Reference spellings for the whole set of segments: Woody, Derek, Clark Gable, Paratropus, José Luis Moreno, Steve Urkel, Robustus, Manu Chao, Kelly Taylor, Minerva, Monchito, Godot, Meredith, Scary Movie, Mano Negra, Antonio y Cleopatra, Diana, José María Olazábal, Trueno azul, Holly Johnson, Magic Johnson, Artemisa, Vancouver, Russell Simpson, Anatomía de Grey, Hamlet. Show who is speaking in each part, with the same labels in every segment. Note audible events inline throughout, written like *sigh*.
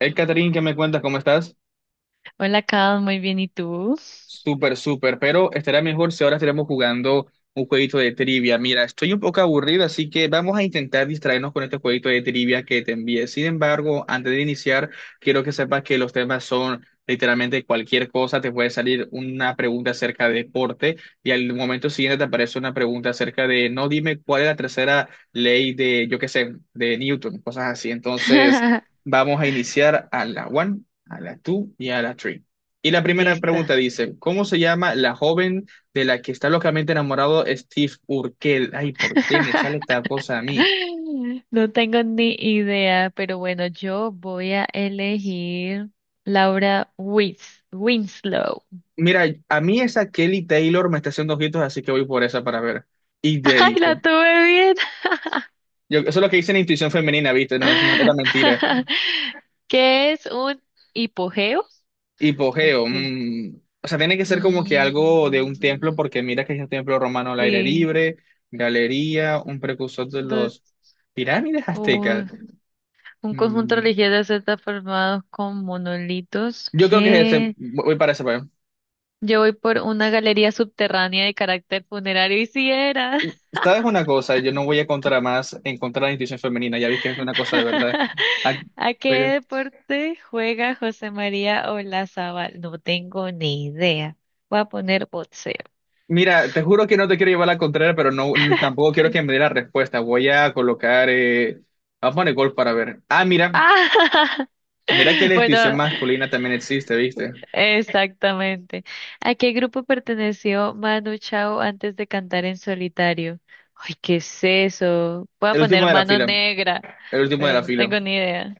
Speaker 1: Hey, Catherine, ¿qué me cuentas? ¿Cómo estás?
Speaker 2: Hola, Carlos, muy bien, ¿y tú?
Speaker 1: Súper, súper, pero estará mejor si ahora estaremos jugando un jueguito de trivia. Mira, estoy un poco aburrido, así que vamos a intentar distraernos con este jueguito de trivia que te envié. Sin embargo, antes de iniciar, quiero que sepas que los temas son literalmente cualquier cosa. Te puede salir una pregunta acerca de deporte y al momento siguiente te aparece una pregunta acerca de, no dime cuál es la tercera ley de, yo qué sé, de Newton, cosas así. Entonces,
Speaker 2: *laughs*
Speaker 1: vamos a iniciar a la one, a la two y a la three. Y la primera
Speaker 2: Listo.
Speaker 1: pregunta dice, ¿cómo se llama la joven de la que está locamente enamorado Steve Urkel? Ay, ¿por qué me sale esta
Speaker 2: *laughs*
Speaker 1: cosa a mí?
Speaker 2: No tengo ni idea, pero bueno, yo voy a elegir Laura Wins Winslow.
Speaker 1: Mira, a mí esa Kelly Taylor me está haciendo ojitos, así que voy por esa para ver. Y
Speaker 2: *laughs*
Speaker 1: te
Speaker 2: ¡Ay,
Speaker 1: dice,
Speaker 2: la tuve bien!
Speaker 1: yo, eso es lo que dice en intuición femenina, ¿viste? No, es una era mentira.
Speaker 2: *laughs* ¿Qué es un hipogeo?
Speaker 1: Hipogeo,
Speaker 2: Okay.
Speaker 1: o sea, tiene que ser como que algo de un
Speaker 2: Mm,
Speaker 1: templo, porque mira que es un templo romano al aire
Speaker 2: sí,
Speaker 1: libre, galería, un precursor de
Speaker 2: entonces,
Speaker 1: los pirámides aztecas.
Speaker 2: u- un conjunto
Speaker 1: Mm,
Speaker 2: religioso está formado con monolitos
Speaker 1: yo creo que es ese,
Speaker 2: que
Speaker 1: voy para ese, pues.
Speaker 2: yo voy por una galería subterránea de carácter funerario y si era.
Speaker 1: ¿Sabes una cosa? Yo no voy a contra más en contra de la institución femenina, ya vi que es una cosa de verdad.
Speaker 2: *laughs*
Speaker 1: Ah,
Speaker 2: ¿A qué
Speaker 1: pues,
Speaker 2: deporte juega José María Olazábal? No tengo ni idea. Voy a poner boxeo.
Speaker 1: mira, te juro que no te quiero llevar la contraria, pero tampoco quiero que me dé la respuesta. Voy a colocar, vamos a poner gol para ver. Ah, mira,
Speaker 2: ¡Ah!
Speaker 1: mira que
Speaker 2: *laughs*
Speaker 1: la institución
Speaker 2: Bueno,
Speaker 1: masculina también existe, ¿viste?
Speaker 2: exactamente. ¿A qué grupo perteneció Manu Chao antes de cantar en solitario? Ay, ¿qué es eso? Voy a
Speaker 1: El
Speaker 2: poner
Speaker 1: último de la
Speaker 2: Mano
Speaker 1: fila,
Speaker 2: Negra,
Speaker 1: el último de
Speaker 2: pero
Speaker 1: la
Speaker 2: no
Speaker 1: fila.
Speaker 2: tengo ni idea.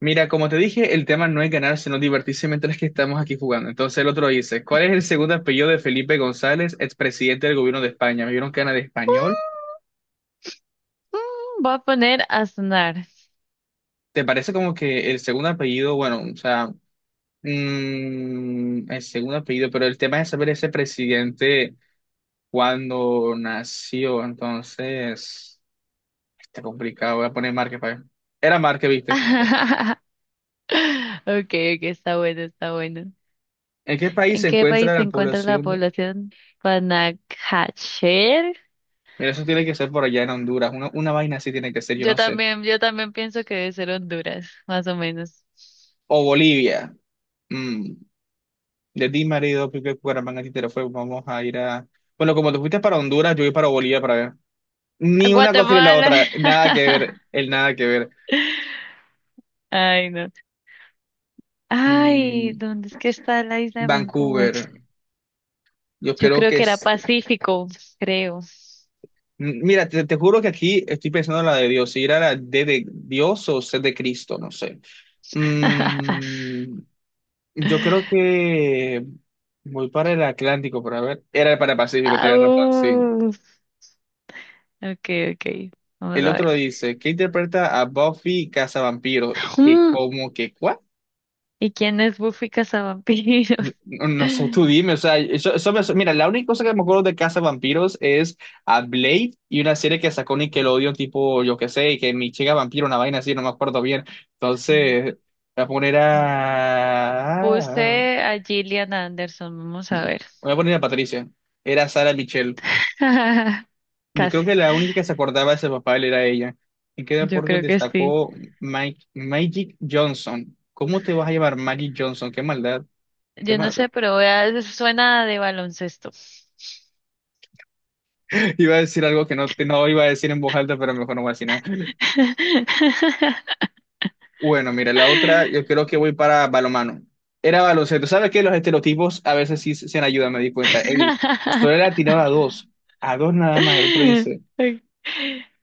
Speaker 1: Mira, como te dije, el tema no es ganar, sino divertirse mientras que estamos aquí jugando. Entonces el otro dice, ¿cuál es el segundo apellido de Felipe González, expresidente del gobierno de España? ¿Me vieron que era de español?
Speaker 2: Mm, voy a poner Aznar.
Speaker 1: ¿Te parece como que el segundo apellido, bueno, o sea, el segundo apellido, pero el tema es saber ese presidente cuando nació, entonces, está complicado, voy a poner Márquez para Era Márquez, ¿viste?
Speaker 2: *laughs* Okay, okay, está bueno, está bueno.
Speaker 1: ¿En qué país se
Speaker 2: ¿En qué país
Speaker 1: encuentra
Speaker 2: se
Speaker 1: la
Speaker 2: encuentra la
Speaker 1: población? De-
Speaker 2: población Panajachel?
Speaker 1: Mira, eso tiene que ser por allá en Honduras, una vaina así tiene que ser, yo no sé.
Speaker 2: Yo también pienso que debe ser Honduras, más o menos.
Speaker 1: O Bolivia. Mm. De ti, marido, pique, cuaramanga, tintero, fuego, vamos a ir a... Bueno, como te fuiste para Honduras, yo voy para Bolivia para ver. Ni una cosa ni la
Speaker 2: Guatemala.
Speaker 1: otra, nada que ver, el nada que ver.
Speaker 2: *laughs* Ay, no. Ay,
Speaker 1: Mm,
Speaker 2: ¿dónde es que está la isla de Vancouver?
Speaker 1: Vancouver, yo
Speaker 2: Yo
Speaker 1: creo
Speaker 2: creo
Speaker 1: que
Speaker 2: que era
Speaker 1: es...
Speaker 2: Pacífico, creo.
Speaker 1: Mira, te juro que aquí estoy pensando en la de Dios, si era la D de Dios o C de Cristo, no sé.
Speaker 2: *laughs*
Speaker 1: Mm, yo creo que voy para el Atlántico, para ver. Era para el Pacífico, tiene razón, sí.
Speaker 2: Au. Okay, okay. Vamos
Speaker 1: El
Speaker 2: a
Speaker 1: otro
Speaker 2: ver.
Speaker 1: dice, ¿qué interpreta a Buffy Cazavampiro? Que
Speaker 2: Mm,
Speaker 1: como que, ¿cuál?
Speaker 2: ¿y quién es Buffy Cazavampiro?
Speaker 1: No, no sé, tú
Speaker 2: Mm,
Speaker 1: dime, o sea, mira, la única cosa que me acuerdo de Casa Vampiros es a Blade y una serie que sacó Nickelodeon, tipo, yo qué sé, que mi chica vampiro, una vaina así, no me acuerdo bien.
Speaker 2: mm.
Speaker 1: Entonces, voy a poner a...
Speaker 2: Puse a Gillian Anderson, vamos a ver.
Speaker 1: Voy a poner a Patricia. Era Sara Michelle.
Speaker 2: *laughs*
Speaker 1: Yo creo
Speaker 2: Casi,
Speaker 1: que la única que se acordaba de ese papel era ella. ¿En qué
Speaker 2: yo
Speaker 1: deporte
Speaker 2: creo que sí.
Speaker 1: destacó Mike, Magic Johnson? ¿Cómo te vas a llamar Magic Johnson? Qué maldad, qué
Speaker 2: Yo no
Speaker 1: maldad.
Speaker 2: sé, pero suena de baloncesto.
Speaker 1: Iba a decir algo que no, no iba a decir en voz alta, pero mejor no voy a decir nada.
Speaker 2: *laughs*
Speaker 1: Bueno, mira, la otra, yo creo que voy para balomano. Era baloncesto. ¿Sabes qué? Los estereotipos a veces sí se han me di cuenta. Ey, Stoller ha tirado a dos nada más. El otro dice,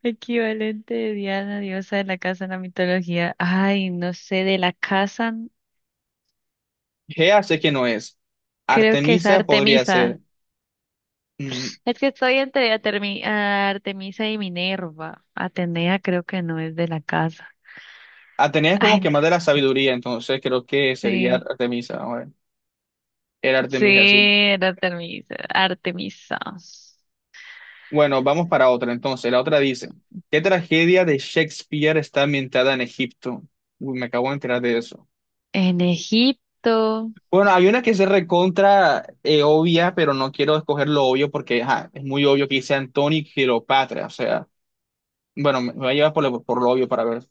Speaker 2: Equivalente de Diana, diosa de la casa en la mitología. Ay, no sé, de la casa,
Speaker 1: Gea sé que no es.
Speaker 2: creo que es
Speaker 1: Artemisa podría ser.
Speaker 2: Artemisa.
Speaker 1: Mm,
Speaker 2: Es que estoy entre Artemisa y Minerva. Atenea creo que no es de la casa.
Speaker 1: Atenea es
Speaker 2: *laughs*
Speaker 1: como
Speaker 2: Ay,
Speaker 1: que
Speaker 2: no.
Speaker 1: más de la sabiduría, entonces creo que sería
Speaker 2: Sí,
Speaker 1: Artemisa. A ver. Era
Speaker 2: sí,
Speaker 1: Artemisa, sí.
Speaker 2: era Artemisa. Artemisa.
Speaker 1: Bueno, vamos para otra entonces. La otra dice, ¿qué tragedia de Shakespeare está ambientada en Egipto? Uy, me acabo de enterar de eso.
Speaker 2: En Egipto.
Speaker 1: Bueno, hay una que se recontra obvia, pero no quiero escoger lo obvio porque ajá, es muy obvio que dice Antonio y Cleopatra. O sea, bueno, me voy a llevar por lo, obvio para ver.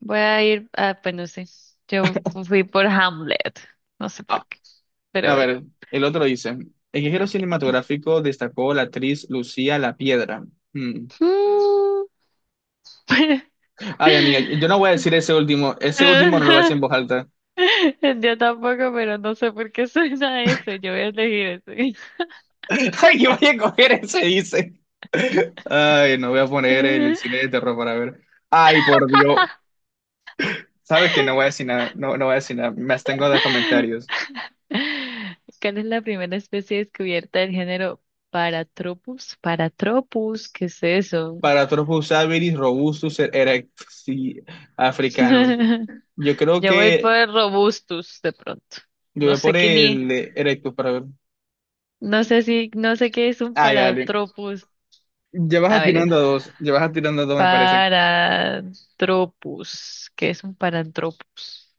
Speaker 2: Voy a ir, ah, pues no sé. Yo fui por Hamlet. No sé por
Speaker 1: Ah,
Speaker 2: qué, pero
Speaker 1: a
Speaker 2: bueno.
Speaker 1: ver, el otro dice, el género cinematográfico destacó la actriz Lucía La Piedra. Hmm.
Speaker 2: Mm.
Speaker 1: Ay, amiga, yo no voy a decir ese último. Ese último no lo voy a decir en
Speaker 2: *laughs*
Speaker 1: voz alta.
Speaker 2: Yo tampoco, pero no sé por qué suena ese. Yo voy a elegir ese.
Speaker 1: *laughs* Ay, yo voy a coger ese, dice. Ay, no voy a poner el cine de terror para ver. Ay, por Dios. Sabes que no voy a decir nada, no, no voy a decir nada. Me abstengo de
Speaker 2: *laughs*
Speaker 1: comentarios.
Speaker 2: ¿Cuál es la primera especie descubierta del género Paratropus? Paratropus, ¿qué es eso?
Speaker 1: Para Usabilis robustus erectus y africanus.
Speaker 2: *laughs*
Speaker 1: Yo creo
Speaker 2: Yo voy
Speaker 1: que
Speaker 2: por Robustus de pronto.
Speaker 1: yo voy
Speaker 2: No
Speaker 1: a
Speaker 2: sé
Speaker 1: por
Speaker 2: qué ni,
Speaker 1: el de erectus para ver.
Speaker 2: no sé si, no sé qué es un
Speaker 1: Ay, dale.
Speaker 2: Paratropus.
Speaker 1: Ya vas
Speaker 2: A ver,
Speaker 1: atirando a dos, ya vas atirando a dos, me parece.
Speaker 2: Paratropus, ¿qué es un Paratropus?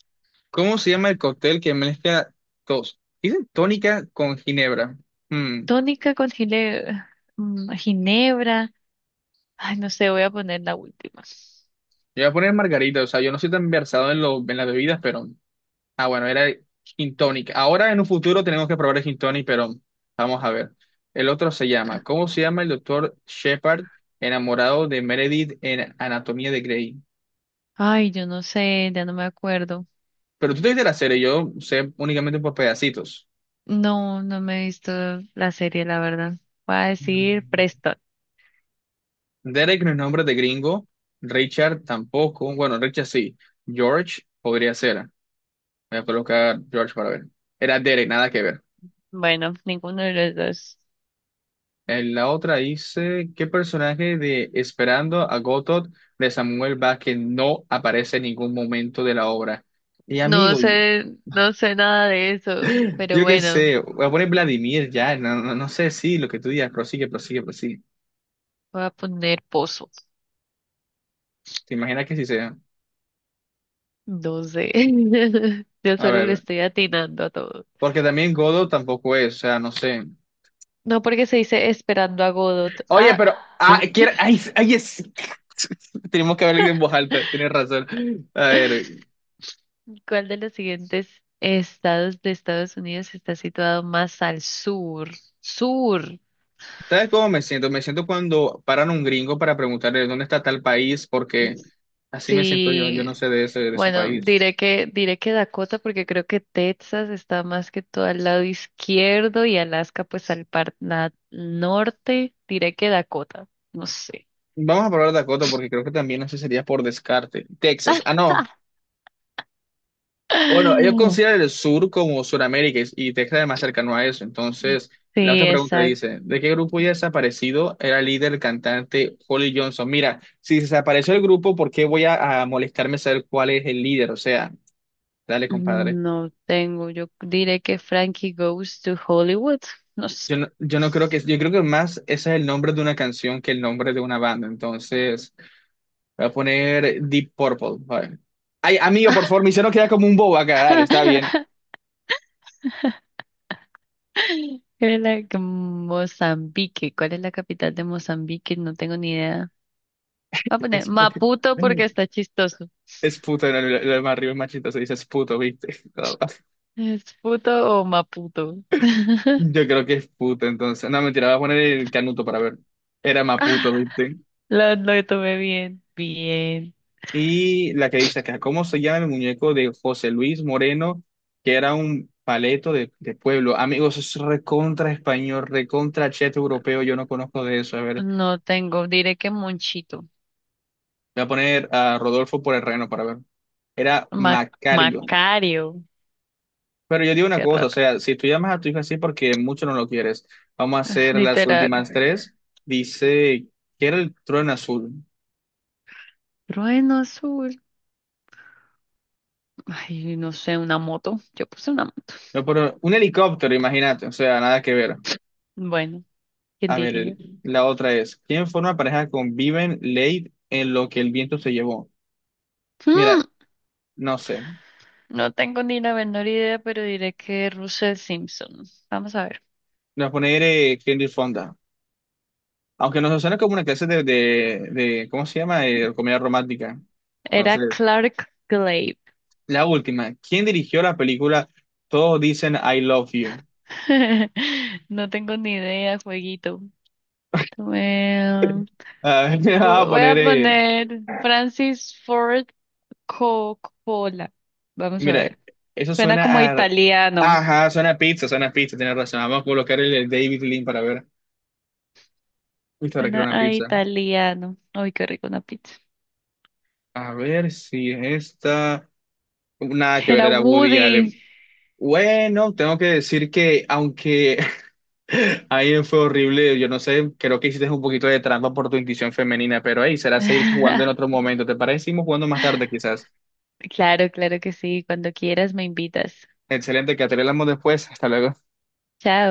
Speaker 1: ¿Cómo se llama el cóctel que mezcla tos? Dicen tónica con ginebra. Hmm.
Speaker 2: Tónica con gile- mm, ginebra. Ay, no sé, voy a poner la última.
Speaker 1: Yo voy a poner margarita, o sea, yo no soy tan versado en, lo, en las bebidas, pero... Ah, bueno, era gin tonic. Ahora en un futuro tenemos que probar el gin tonic, pero vamos a ver. El otro se llama, ¿cómo se llama el doctor Shepard enamorado de Meredith en Anatomía de Grey?
Speaker 2: Ay, yo no sé, ya no me acuerdo.
Speaker 1: Pero tú te viste la serie, yo sé únicamente por pedacitos.
Speaker 2: No, no me he visto la serie, la verdad. Voy a decir
Speaker 1: Mm.
Speaker 2: Preston.
Speaker 1: Derek no es nombre de gringo, Richard tampoco, bueno, Richard sí, George podría ser. Voy a colocar George para ver. Era Derek, nada que ver.
Speaker 2: Bueno, ninguno de los dos.
Speaker 1: En la otra dice, ¿qué personaje de Esperando a Godot de Samuel Vázquez no aparece en ningún momento de la obra? Y
Speaker 2: No
Speaker 1: amigo,
Speaker 2: sé, no sé nada de eso, pero
Speaker 1: yo qué
Speaker 2: bueno,
Speaker 1: sé, voy a poner Vladimir ya, no, no, no sé si lo que tú digas, prosigue, prosigue, prosigue.
Speaker 2: voy a poner Pozo.
Speaker 1: ¿Te imaginas que sí sea?
Speaker 2: No sé. *laughs* Yo
Speaker 1: A
Speaker 2: solo le
Speaker 1: ver,
Speaker 2: estoy atinando a todo.
Speaker 1: porque también Godot tampoco es, o sea, no sé.
Speaker 2: No porque se dice esperando a Godot.
Speaker 1: Oye,
Speaker 2: Ah,
Speaker 1: pero, ah, quiero, ay, ay, *laughs* Tenemos que hablar en voz alta, tienes razón. A ver,
Speaker 2: ¿cuál de los siguientes estados de Estados Unidos está situado más al sur? Sur.
Speaker 1: ¿sabes cómo me siento? Me siento cuando paran un gringo para preguntarle dónde está tal país, porque así me siento yo, yo
Speaker 2: Sí.
Speaker 1: no sé de ese, de su
Speaker 2: Bueno,
Speaker 1: país.
Speaker 2: diré que Dakota porque creo que Texas está más que todo al lado izquierdo y Alaska pues al norte. Diré que Dakota, no sé.
Speaker 1: Vamos a probar Dakota porque creo que también eso sería por descarte. Texas, ah, no. Bueno, ellos
Speaker 2: *laughs*
Speaker 1: consideran el sur como Sudamérica y Texas es más cercano a eso. Entonces,
Speaker 2: Sí,
Speaker 1: la otra pregunta
Speaker 2: exacto.
Speaker 1: dice, ¿de qué grupo ya desaparecido era el líder, el cantante Holly Johnson? Mira, si desapareció el grupo, ¿por qué voy a molestarme saber cuál es el líder? O sea, dale, compadre.
Speaker 2: No tengo, yo diré que Frankie Goes to Hollywood, no sé.
Speaker 1: Yo no creo que, yo creo que más ese es el nombre de una canción que el nombre de una banda. Entonces, voy a poner Deep Purple. Vale. Ay, amigo, por favor, me hicieron quedar como un bobo acá. Dale, está
Speaker 2: *laughs*
Speaker 1: bien.
Speaker 2: Era la que Mozambique, ¿cuál es la capital de Mozambique? No tengo ni idea. Voy a poner
Speaker 1: Es, pu-
Speaker 2: Maputo porque está chistoso.
Speaker 1: es puto, no, lo más arriba es machito, se dice es puto, ¿viste? *laughs*
Speaker 2: ¿Es puto o maputo?
Speaker 1: Yo
Speaker 2: *laughs*
Speaker 1: creo que es puto, entonces. No, mentira, voy a poner el canuto para ver. Era más puto, ¿viste?
Speaker 2: Lo tomé bien. Bien.
Speaker 1: Y la que dice acá, ¿cómo se llama el muñeco de José Luis Moreno, que era un paleto de pueblo? Amigos, es recontra español, recontra cheto europeo, yo no conozco de eso. A ver,
Speaker 2: No tengo, diré que Monchito.
Speaker 1: voy a poner a Rodolfo por el reno para ver. Era
Speaker 2: Ma-
Speaker 1: Macario.
Speaker 2: Macario.
Speaker 1: Pero yo digo una
Speaker 2: Qué
Speaker 1: cosa, o
Speaker 2: raro.
Speaker 1: sea, si tú llamas a tu hijo así porque mucho no lo quieres, vamos a
Speaker 2: *laughs*
Speaker 1: hacer las
Speaker 2: Literal.
Speaker 1: últimas tres. Dice, ¿que era el trueno azul?
Speaker 2: Trueno azul. Ay, no sé, una moto. Yo puse una.
Speaker 1: No, pero un helicóptero, imagínate, o sea, nada que ver.
Speaker 2: Bueno, ¿quién
Speaker 1: A ver,
Speaker 2: diría?
Speaker 1: la otra es, ¿quién forma pareja con Viven Late en lo que el viento se llevó?
Speaker 2: Hmm,
Speaker 1: Mira, no sé,
Speaker 2: no tengo ni la menor idea, pero diré que Russell Simpson. Vamos a ver.
Speaker 1: voy a poner Henry Fonda, aunque nos suena como una clase ¿cómo se llama? Comedia romántica.
Speaker 2: Era
Speaker 1: Entonces,
Speaker 2: Clark Gable.
Speaker 1: la última, ¿quién dirigió la película Todos dicen I love you?
Speaker 2: *laughs* No tengo ni idea, jueguito.
Speaker 1: A ver, *laughs* me va a
Speaker 2: Voy a
Speaker 1: poner,
Speaker 2: poner Francis Ford Coppola. Vamos a
Speaker 1: mira,
Speaker 2: ver.
Speaker 1: eso
Speaker 2: Suena
Speaker 1: suena
Speaker 2: como
Speaker 1: a...
Speaker 2: italiano.
Speaker 1: Ajá, suena a pizza, tienes razón. Vamos a colocar el David Lean para ver. Listo, ahora quiero
Speaker 2: Suena
Speaker 1: una
Speaker 2: a
Speaker 1: pizza.
Speaker 2: italiano. Ay, qué rico una pizza.
Speaker 1: A ver si es esta. Nada que ver,
Speaker 2: Era
Speaker 1: era Woody
Speaker 2: Woody.
Speaker 1: Allen. Bueno, tengo que decir que aunque *laughs* ahí fue horrible, yo no sé, creo que hiciste un poquito de trampa por tu intuición femenina, pero ahí será seguir jugando en otro
Speaker 2: *laughs*
Speaker 1: momento. ¿Te parece? Seguimos jugando más tarde quizás.
Speaker 2: Claro, claro que sí. Cuando quieras me invitas.
Speaker 1: Excelente, que hablamos después. Hasta luego.
Speaker 2: Chao.